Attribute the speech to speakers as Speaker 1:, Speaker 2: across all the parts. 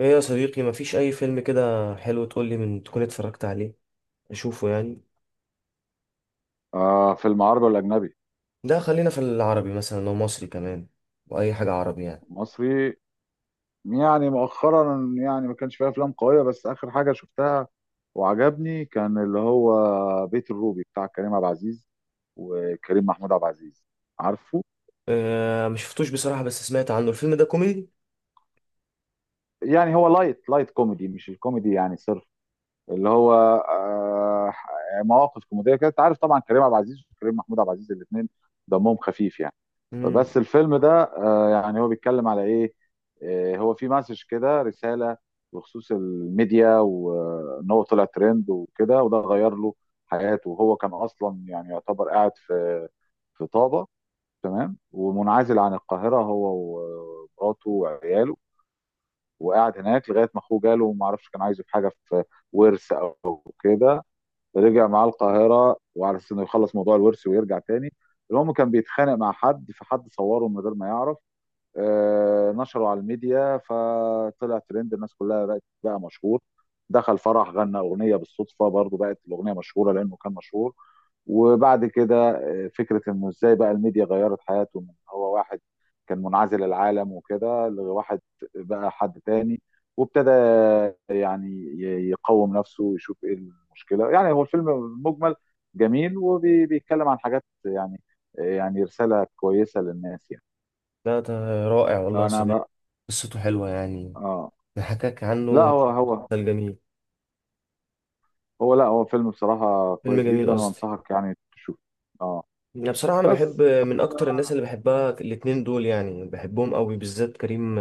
Speaker 1: ايه يا صديقي، مفيش اي فيلم كده حلو تقول لي من تكون اتفرجت عليه، اشوفه يعني.
Speaker 2: فيلم عربي ولا أجنبي؟
Speaker 1: ده خلينا في العربي، مثلا لو مصري كمان، واي حاجه عربي يعني.
Speaker 2: مصري. يعني مؤخرا يعني ما كانش فيها أفلام قوية، بس آخر حاجة شفتها وعجبني كان اللي هو بيت الروبي بتاع كريم عبد العزيز وكريم محمود عبد العزيز، عارفه؟
Speaker 1: اه، مش شفتوش بصراحه، بس سمعت عنه. الفيلم ده كوميدي؟
Speaker 2: يعني هو لايت لايت كوميدي، مش الكوميدي يعني صرف، اللي هو آه مواقف كوميدية كده. أنت عارف طبعا كريم عبد العزيز وكريم محمود عبد العزيز الاتنين دمهم خفيف يعني.
Speaker 1: امم.
Speaker 2: بس الفيلم ده، يعني هو بيتكلم على ايه. هو في مسج كده، رسالة بخصوص الميديا، وان هو طلع ترند وكده، وده غير له حياته. وهو كان اصلا يعني يعتبر قاعد في طابة، تمام، ومنعزل عن القاهرة هو ومراته وعياله، وقاعد هناك لغاية ما اخوه جاله، وما اعرفش كان عايزه في حاجة في ورث او كده. رجع معاه القاهرة وعلى اساس انه يخلص موضوع الورث ويرجع تاني. المهم كان بيتخانق مع حد، فحد صوره من غير ما يعرف، نشره على الميديا فطلع ترند، الناس كلها بقت بقى مشهور. دخل فرح غنى اغنيه بالصدفه، برضو بقت الاغنيه مشهوره لانه كان مشهور. وبعد كده، فكره انه ازاي بقى الميديا غيرت حياته، من هو واحد كان منعزل العالم وكده لواحد بقى حد تاني. وابتدى يعني يقوم نفسه ويشوف ايه المشكله. يعني هو الفيلم مجمل جميل وبيتكلم عن حاجات يعني رساله كويسه للناس يعني.
Speaker 1: ده رائع والله يا صديقي،
Speaker 2: انا.
Speaker 1: قصته حلوه يعني،
Speaker 2: اه.
Speaker 1: نحكاك عنه
Speaker 2: لا، هو هو
Speaker 1: مسلسل جميل،
Speaker 2: هو لا، هو فيلم بصراحة
Speaker 1: فيلم
Speaker 2: كويس
Speaker 1: جميل
Speaker 2: جدا،
Speaker 1: قصدي.
Speaker 2: وانصحك يعني تشوفه. اه،
Speaker 1: يعني بصراحة أنا بحب
Speaker 2: بس
Speaker 1: من أكتر الناس اللي بحبها الاتنين دول، يعني بحبهم قوي، بالذات كريم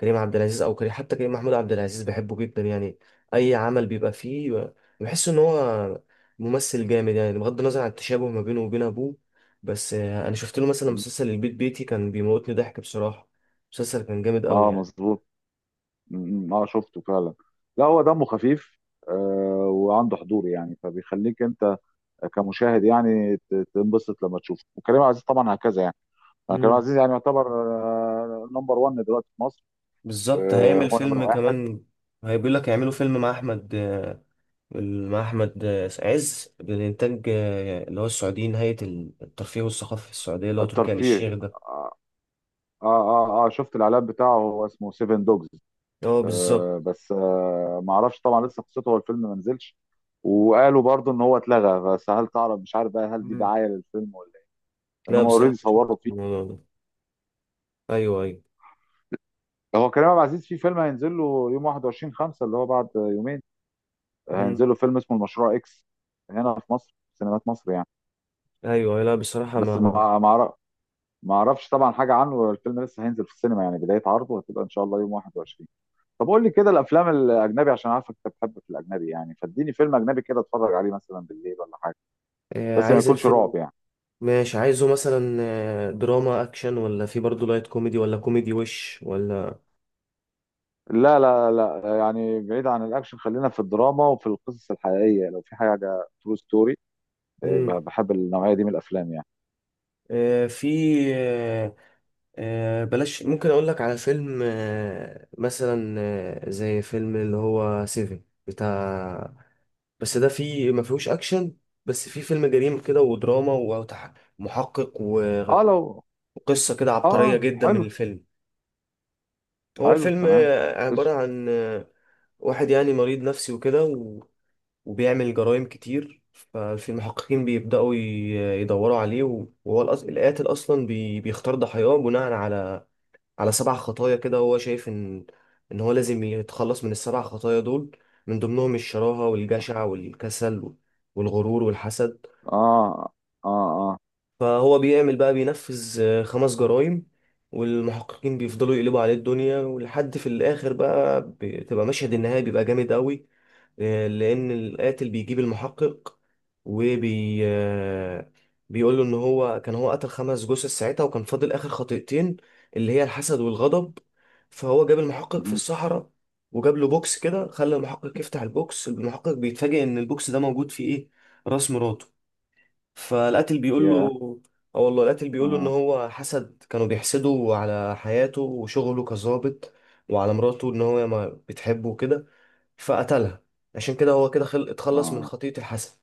Speaker 1: كريم عبد العزيز أو كريم، حتى كريم محمود عبد العزيز بحبه جدا يعني. أي عمل بيبقى فيه بحس إن هو ممثل جامد، يعني بغض النظر عن التشابه ما بينه وبين أبوه. بس أنا شفت له مثلا مسلسل البيت بيتي، كان بيموتني ضحك بصراحة، مسلسل كان جامد قوي
Speaker 2: اه
Speaker 1: يعني.
Speaker 2: مظبوط. اه، شفته فعلا. لا، هو دمه خفيف. وعنده حضور يعني، فبيخليك انت كمشاهد يعني تنبسط لما تشوفه. وكريم عبد العزيز طبعا هكذا يعني. أنا كريم عبد
Speaker 1: مم.
Speaker 2: العزيز يعني يعتبر نمبر 1 دلوقتي في مصر.
Speaker 1: بالظبط، هيعمل
Speaker 2: هو نمبر
Speaker 1: فيلم
Speaker 2: واحد.
Speaker 1: كمان. هيقول لك هيعملوا فيلم مع أحمد عز بالإنتاج، اللي هو السعودي، نهاية الترفيه والثقافة في السعودية اللي هو تركي آل الشيخ
Speaker 2: الترفيه.
Speaker 1: ده.
Speaker 2: اه، اه، اه. شفت الاعلان بتاعه، هو اسمه سيفن دوجز.
Speaker 1: اه بالظبط.
Speaker 2: آه، بس آه، ما اعرفش طبعا لسه قصته، هو الفيلم ما نزلش. وقالوا برضو ان هو اتلغى، بس هل تعرف، مش عارف بقى هل دي
Speaker 1: مم.
Speaker 2: دعايه للفيلم ولا ايه، لان
Speaker 1: لا
Speaker 2: هم اوريدي
Speaker 1: بصراحة شفت
Speaker 2: صوروا فيه.
Speaker 1: الموضوع ده. أيوه أيوه.
Speaker 2: هو كريم عبد العزيز في فيلم هينزل له يوم 21 5 اللي هو بعد يومين،
Speaker 1: مم.
Speaker 2: هينزل له فيلم اسمه المشروع اكس هنا في مصر في سينمات مصر يعني.
Speaker 1: أيوه لا بصراحة
Speaker 2: بس
Speaker 1: ما
Speaker 2: ما اعرفش طبعا حاجه عنه، الفيلم لسه هينزل في السينما يعني، بدايه عرضه هتبقى ان شاء الله يوم 21. طب قول لي كده الافلام الاجنبي، عشان عارفك انت بتحب في الاجنبي يعني، فاديني فيلم اجنبي كده اتفرج عليه مثلا بالليل ولا حاجه، بس ما
Speaker 1: عايز
Speaker 2: يكونش رعب
Speaker 1: الفيلم.
Speaker 2: يعني.
Speaker 1: ماشي، عايزه مثلا دراما أكشن، ولا في برضه لايت كوميدي، ولا كوميدي وش ولا.
Speaker 2: لا لا لا، يعني بعيد عن الاكشن، خلينا في الدراما وفي القصص الحقيقيه، لو في حاجه ترو ستوري.
Speaker 1: مم.
Speaker 2: بحب النوعيه دي من الافلام يعني.
Speaker 1: في آه، بلاش، ممكن أقول لك على فيلم مثلا زي فيلم اللي هو سيفن بتاع. بس ده فيه ما فيهوش اكشن، بس فيه فيلم جريمه كده ودراما ومحقق
Speaker 2: اه،
Speaker 1: وقصه
Speaker 2: لو.
Speaker 1: كده عبقريه
Speaker 2: اه،
Speaker 1: جدا من
Speaker 2: حلو.
Speaker 1: الفيلم. هو
Speaker 2: حلو
Speaker 1: الفيلم
Speaker 2: تمام.
Speaker 1: عباره
Speaker 2: اسم.
Speaker 1: عن واحد يعني مريض نفسي وكده وبيعمل جرائم كتير. ففي المحققين بيبداوا يدوروا عليه وهو القاتل اصلا بيختار ضحاياه بناء على سبع خطايا كده، هو شايف ان هو لازم يتخلص من السبع خطايا دول. من ضمنهم الشراهه والجشع والكسل والغرور والحسد.
Speaker 2: اه، اه، اه.
Speaker 1: فهو بيعمل بقى بينفذ خمس جرائم، والمحققين بيفضلوا يقلبوا عليه الدنيا، ولحد في الآخر بقى بتبقى مشهد النهاية بيبقى جامد قوي. لأن القاتل بيجيب المحقق وبي آه، بيقول له إن هو كان هو قتل خمس جثث ساعتها، وكان فاضل آخر خطيئتين اللي هي الحسد والغضب. فهو جاب المحقق في
Speaker 2: مهم.
Speaker 1: الصحراء، وجاب له بوكس كده، خلى المحقق يفتح البوكس، المحقق بيتفاجئ إن البوكس ده موجود فيه إيه، راس مراته. فالقاتل بيقول له
Speaker 2: يا.
Speaker 1: اه والله القاتل بيقول له ان
Speaker 2: اه،
Speaker 1: هو حسد، كانوا بيحسدوا على حياته وشغله كظابط، وعلى مراته ان هو ما بتحبه وكده، فقتلها. عشان كده هو كده اتخلص من
Speaker 2: اه،
Speaker 1: خطية الحسد.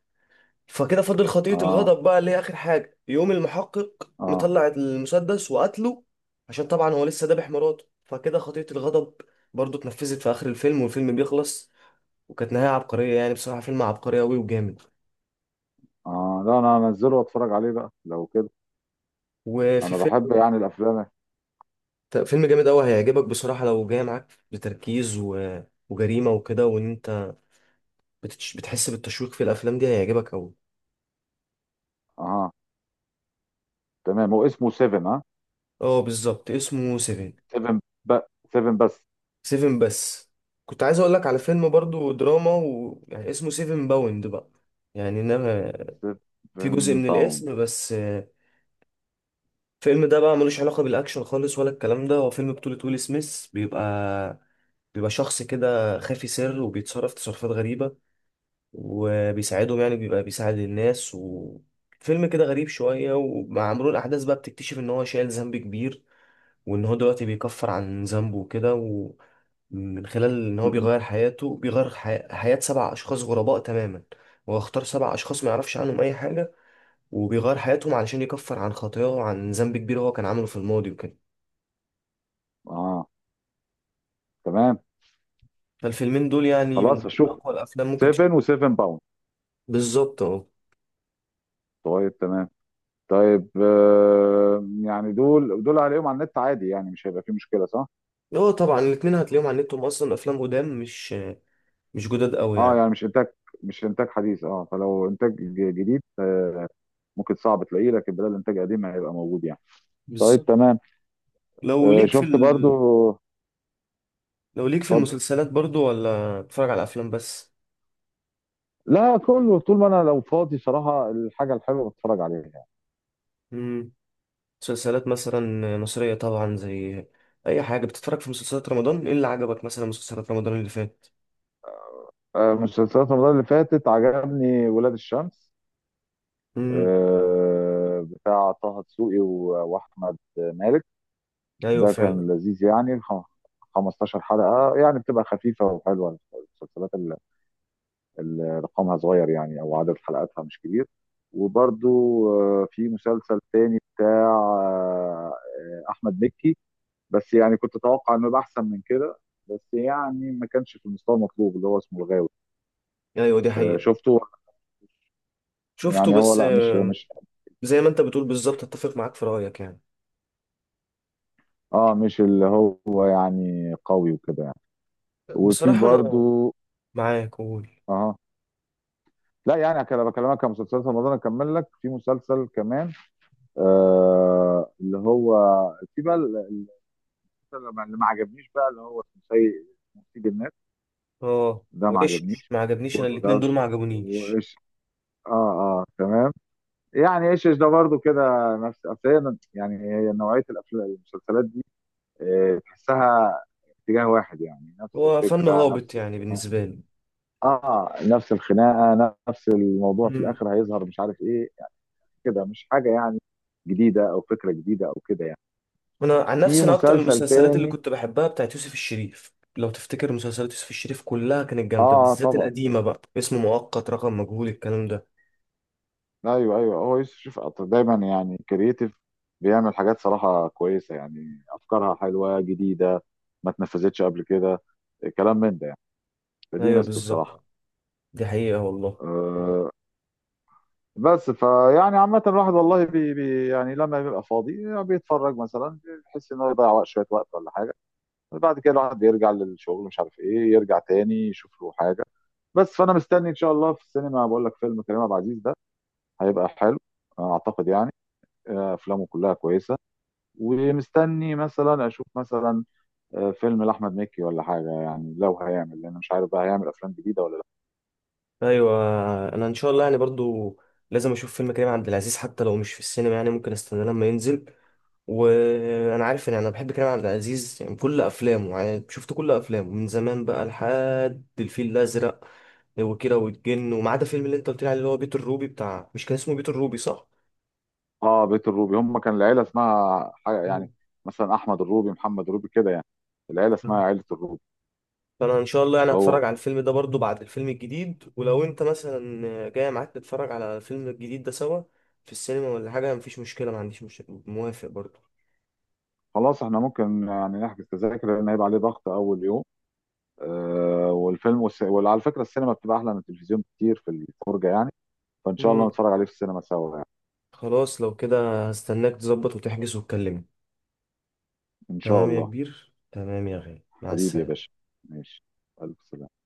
Speaker 1: فكده فضل خطية
Speaker 2: اه،
Speaker 1: الغضب بقى، اللي هي اخر حاجة، يقوم المحقق
Speaker 2: اه،
Speaker 1: مطلع المسدس وقتله. عشان طبعا هو لسه ذابح مراته، فكده خطية الغضب برضه اتنفذت في اخر الفيلم، والفيلم بيخلص. وكانت نهاية عبقرية، يعني بصراحة فيلم عبقري قوي وجامد.
Speaker 2: اه، لا، انا هنزله واتفرج عليه بقى لو كده.
Speaker 1: وفي
Speaker 2: انا بحب
Speaker 1: فيلم،
Speaker 2: يعني الافلام.
Speaker 1: طب فيلم جامد قوي هيعجبك بصراحة، لو جاي معاك بتركيز وجريمة وكده، وان انت بتحس بالتشويق في الافلام دي، هيعجبك قوي.
Speaker 2: اه، تمام. هو اسمه 7، ها؟
Speaker 1: اه بالظبط، اسمه سيفن.
Speaker 2: 7 ب. 7 بس.
Speaker 1: سيفن بس. كنت عايز اقول لك على فيلم برضو دراما يعني اسمه سيفن باوند بقى. يعني انما في جزء
Speaker 2: 7
Speaker 1: من
Speaker 2: باوند.
Speaker 1: الاسم بس. الفيلم ده بقى ملوش علاقة بالاكشن خالص ولا الكلام ده. هو فيلم بطولة ويل سميث، بيبقى شخص كده خافي سر وبيتصرف تصرفات غريبة، وبيساعدهم يعني بيبقى بيساعد الناس، وفيلم كده غريب شوية. ومع مرور الأحداث بقى بتكتشف إن هو شايل ذنب كبير، وإن هو دلوقتي بيكفر عن ذنبه وكده، ومن خلال إن هو
Speaker 2: مهم.
Speaker 1: بيغير حياته، بيغير حياة سبع أشخاص غرباء تماما. هو اختار سبع أشخاص ما يعرفش عنهم أي حاجة، وبيغير حياتهم علشان يكفر عن خطاياه، وعن ذنب كبير هو كان عامله في الماضي وكده.
Speaker 2: اه، تمام.
Speaker 1: فالفيلمين دول يعني
Speaker 2: خلاص،
Speaker 1: من
Speaker 2: هشوف
Speaker 1: أقوى الأفلام، ممكن
Speaker 2: 7 و7 باوند.
Speaker 1: بالظبط أه.
Speaker 2: طيب تمام. طيب، يعني دول هلاقيهم على النت عادي يعني، مش هيبقى فيه مشكله صح؟
Speaker 1: هو طبعا الاتنين هتلاقيهم على النت، هم أصلا أفلام قدام، مش جداد أوي
Speaker 2: اه،
Speaker 1: يعني.
Speaker 2: يعني مش انتاج، مش انتاج حديث. اه فلو انتاج جديد، ممكن صعب تلاقيه، لكن بدل انتاج قديم هيبقى موجود يعني. طيب
Speaker 1: بالظبط.
Speaker 2: تمام.
Speaker 1: لو ليك في
Speaker 2: شفت برضو.
Speaker 1: ال... لو ليك في
Speaker 2: اتفضل.
Speaker 1: المسلسلات برضو، ولا بتتفرج على افلام بس؟
Speaker 2: لا، كله طول ما انا لو فاضي صراحه، الحاجه الحلوه بتفرج عليها يعني.
Speaker 1: امم مسلسلات مثلا مصرية طبعا، زي اي حاجة بتتفرج. في مسلسلات رمضان، ايه اللي عجبك؟ مثلا مسلسلات رمضان اللي فات.
Speaker 2: مسلسلات رمضان اللي فاتت عجبني ولاد الشمس،
Speaker 1: امم
Speaker 2: بتاع طه دسوقي واحمد مالك.
Speaker 1: ايوه
Speaker 2: ده كان
Speaker 1: فعلا.
Speaker 2: لذيذ يعني، 15 حلقة، يعني بتبقى خفيفة وحلوة المسلسلات اللي رقمها صغير يعني، أو عدد حلقاتها مش كبير. وبرضو، في مسلسل تاني بتاع أحمد مكي، بس يعني كنت أتوقع إنه يبقى أحسن من كده، بس يعني ما كانش في المستوى المطلوب، اللي هو اسمه الغاوي.
Speaker 1: ايوه دي حقيقة.
Speaker 2: شفته.
Speaker 1: شفته
Speaker 2: يعني هو
Speaker 1: بس
Speaker 2: لا،
Speaker 1: زي ما انت بتقول بالظبط، اتفق معاك في رأيك يعني.
Speaker 2: مش اللي هو، يعني قوي وكده يعني. وفي
Speaker 1: بصراحة انا
Speaker 2: برضو.
Speaker 1: معاك، قول.
Speaker 2: اه، لا يعني كده بكلمك كمسلسلات رمضان، اكمل لك في مسلسل كمان. اللي هو في بقى المسلسل اللي ما عجبنيش بقى، اللي هو اسمه سيد الناس.
Speaker 1: اه،
Speaker 2: ده ما
Speaker 1: وايش
Speaker 2: عجبنيش.
Speaker 1: ما عجبنيش، انا
Speaker 2: وده،
Speaker 1: الاتنين دول
Speaker 2: وش،
Speaker 1: ما عجبونيش.
Speaker 2: وايش. اه، اه، تمام. يعني ايش ده برضو كده، نفس. يعني هي نوعيه الافلام المسلسلات دي، تحسها اتجاه واحد يعني، نفس
Speaker 1: هو فن
Speaker 2: الفكره
Speaker 1: هابط
Speaker 2: نفس
Speaker 1: يعني
Speaker 2: الخناقه.
Speaker 1: بالنسبة
Speaker 2: اه، نفس الخناقه نفس الموضوع، في
Speaker 1: لي.
Speaker 2: الاخر هيظهر مش عارف ايه، كده مش حاجة يعني جديدة أو فكرة جديدة أو كده يعني.
Speaker 1: انا عن
Speaker 2: في
Speaker 1: نفسي، انا اكتر
Speaker 2: مسلسل
Speaker 1: المسلسلات اللي
Speaker 2: تاني.
Speaker 1: كنت بحبها بتاعت يوسف الشريف، لو تفتكر. مسلسلات يوسف الشريف كلها كانت جامده، بالذات
Speaker 2: طبعا.
Speaker 1: القديمه بقى، اسم مؤقت، رقم مجهول، الكلام ده.
Speaker 2: أيوه، أيوه، هو يوسف شوف دايما يعني كرييتيف، بيعمل حاجات صراحة كويسة يعني، أفكارها حلوة جديدة ما اتنفذتش قبل كده، كلام من ده يعني، فدي
Speaker 1: ايوه
Speaker 2: ميزته بصراحة.
Speaker 1: بالظبط، دي حقيقه والله.
Speaker 2: أه. بس فيعني عامة الواحد والله بي يعني لما بيبقى فاضي بيتفرج مثلا، بيحس إن هو يضيع وقت، شوية وقت ولا حاجة. بعد كده الواحد بيرجع للشغل، مش عارف إيه، يرجع تاني يشوف له حاجة. بس فانا مستني ان شاء الله في السينما، بقول لك فيلم كريم عبد العزيز ده هيبقى حلو، اعتقد يعني. افلامه كلها كويسه. ومستني مثلا اشوف مثلا فيلم لاحمد مكي ولا حاجه يعني، لو هيعمل، لان مش عارف بقى هيعمل افلام جديده ولا لا.
Speaker 1: ايوه، انا ان شاء الله يعني برضو لازم اشوف فيلم كريم عبد العزيز، حتى لو مش في السينما يعني، ممكن استنى لما ينزل. وانا عارف ان انا بحب كريم عبد العزيز يعني كل افلامه، يعني شفت كل افلامه من زمان بقى لحد الفيل الازرق وكيرة والجن، وما عدا فيلم اللي انت قلت لي عليه اللي هو بيت الروبي بتاع، مش كان اسمه بيت الروبي، صح؟
Speaker 2: اه، بيت الروبي هم كان العيله اسمها حاجه يعني،
Speaker 1: مم.
Speaker 2: مثلا احمد الروبي محمد الروبي كده يعني، العيله اسمها عيله الروبي.
Speaker 1: فانا ان شاء الله يعني هتفرج
Speaker 2: هو،
Speaker 1: على الفيلم ده برضو بعد الفيلم الجديد. ولو انت مثلا جاي، معاك نتفرج على الفيلم الجديد ده سوا في السينما ولا حاجه، مفيش مشكله، ما عنديش مشكله، موافق برضو.
Speaker 2: خلاص احنا ممكن يعني نحجز تذاكر، لان هيبقى عليه ضغط اول يوم. والفيلم وعلى فكره السينما بتبقى احلى من التلفزيون كتير في الفرجه يعني، فان شاء الله
Speaker 1: مم.
Speaker 2: نتفرج عليه في السينما سوا يعني.
Speaker 1: خلاص، لو كده هستناك تظبط وتحجز وتكلمني.
Speaker 2: ان شاء
Speaker 1: تمام يا
Speaker 2: الله.
Speaker 1: كبير، تمام يا غالي، مع
Speaker 2: حبيبي يا
Speaker 1: السلامه.
Speaker 2: باشا. ماشي. الف سلامه.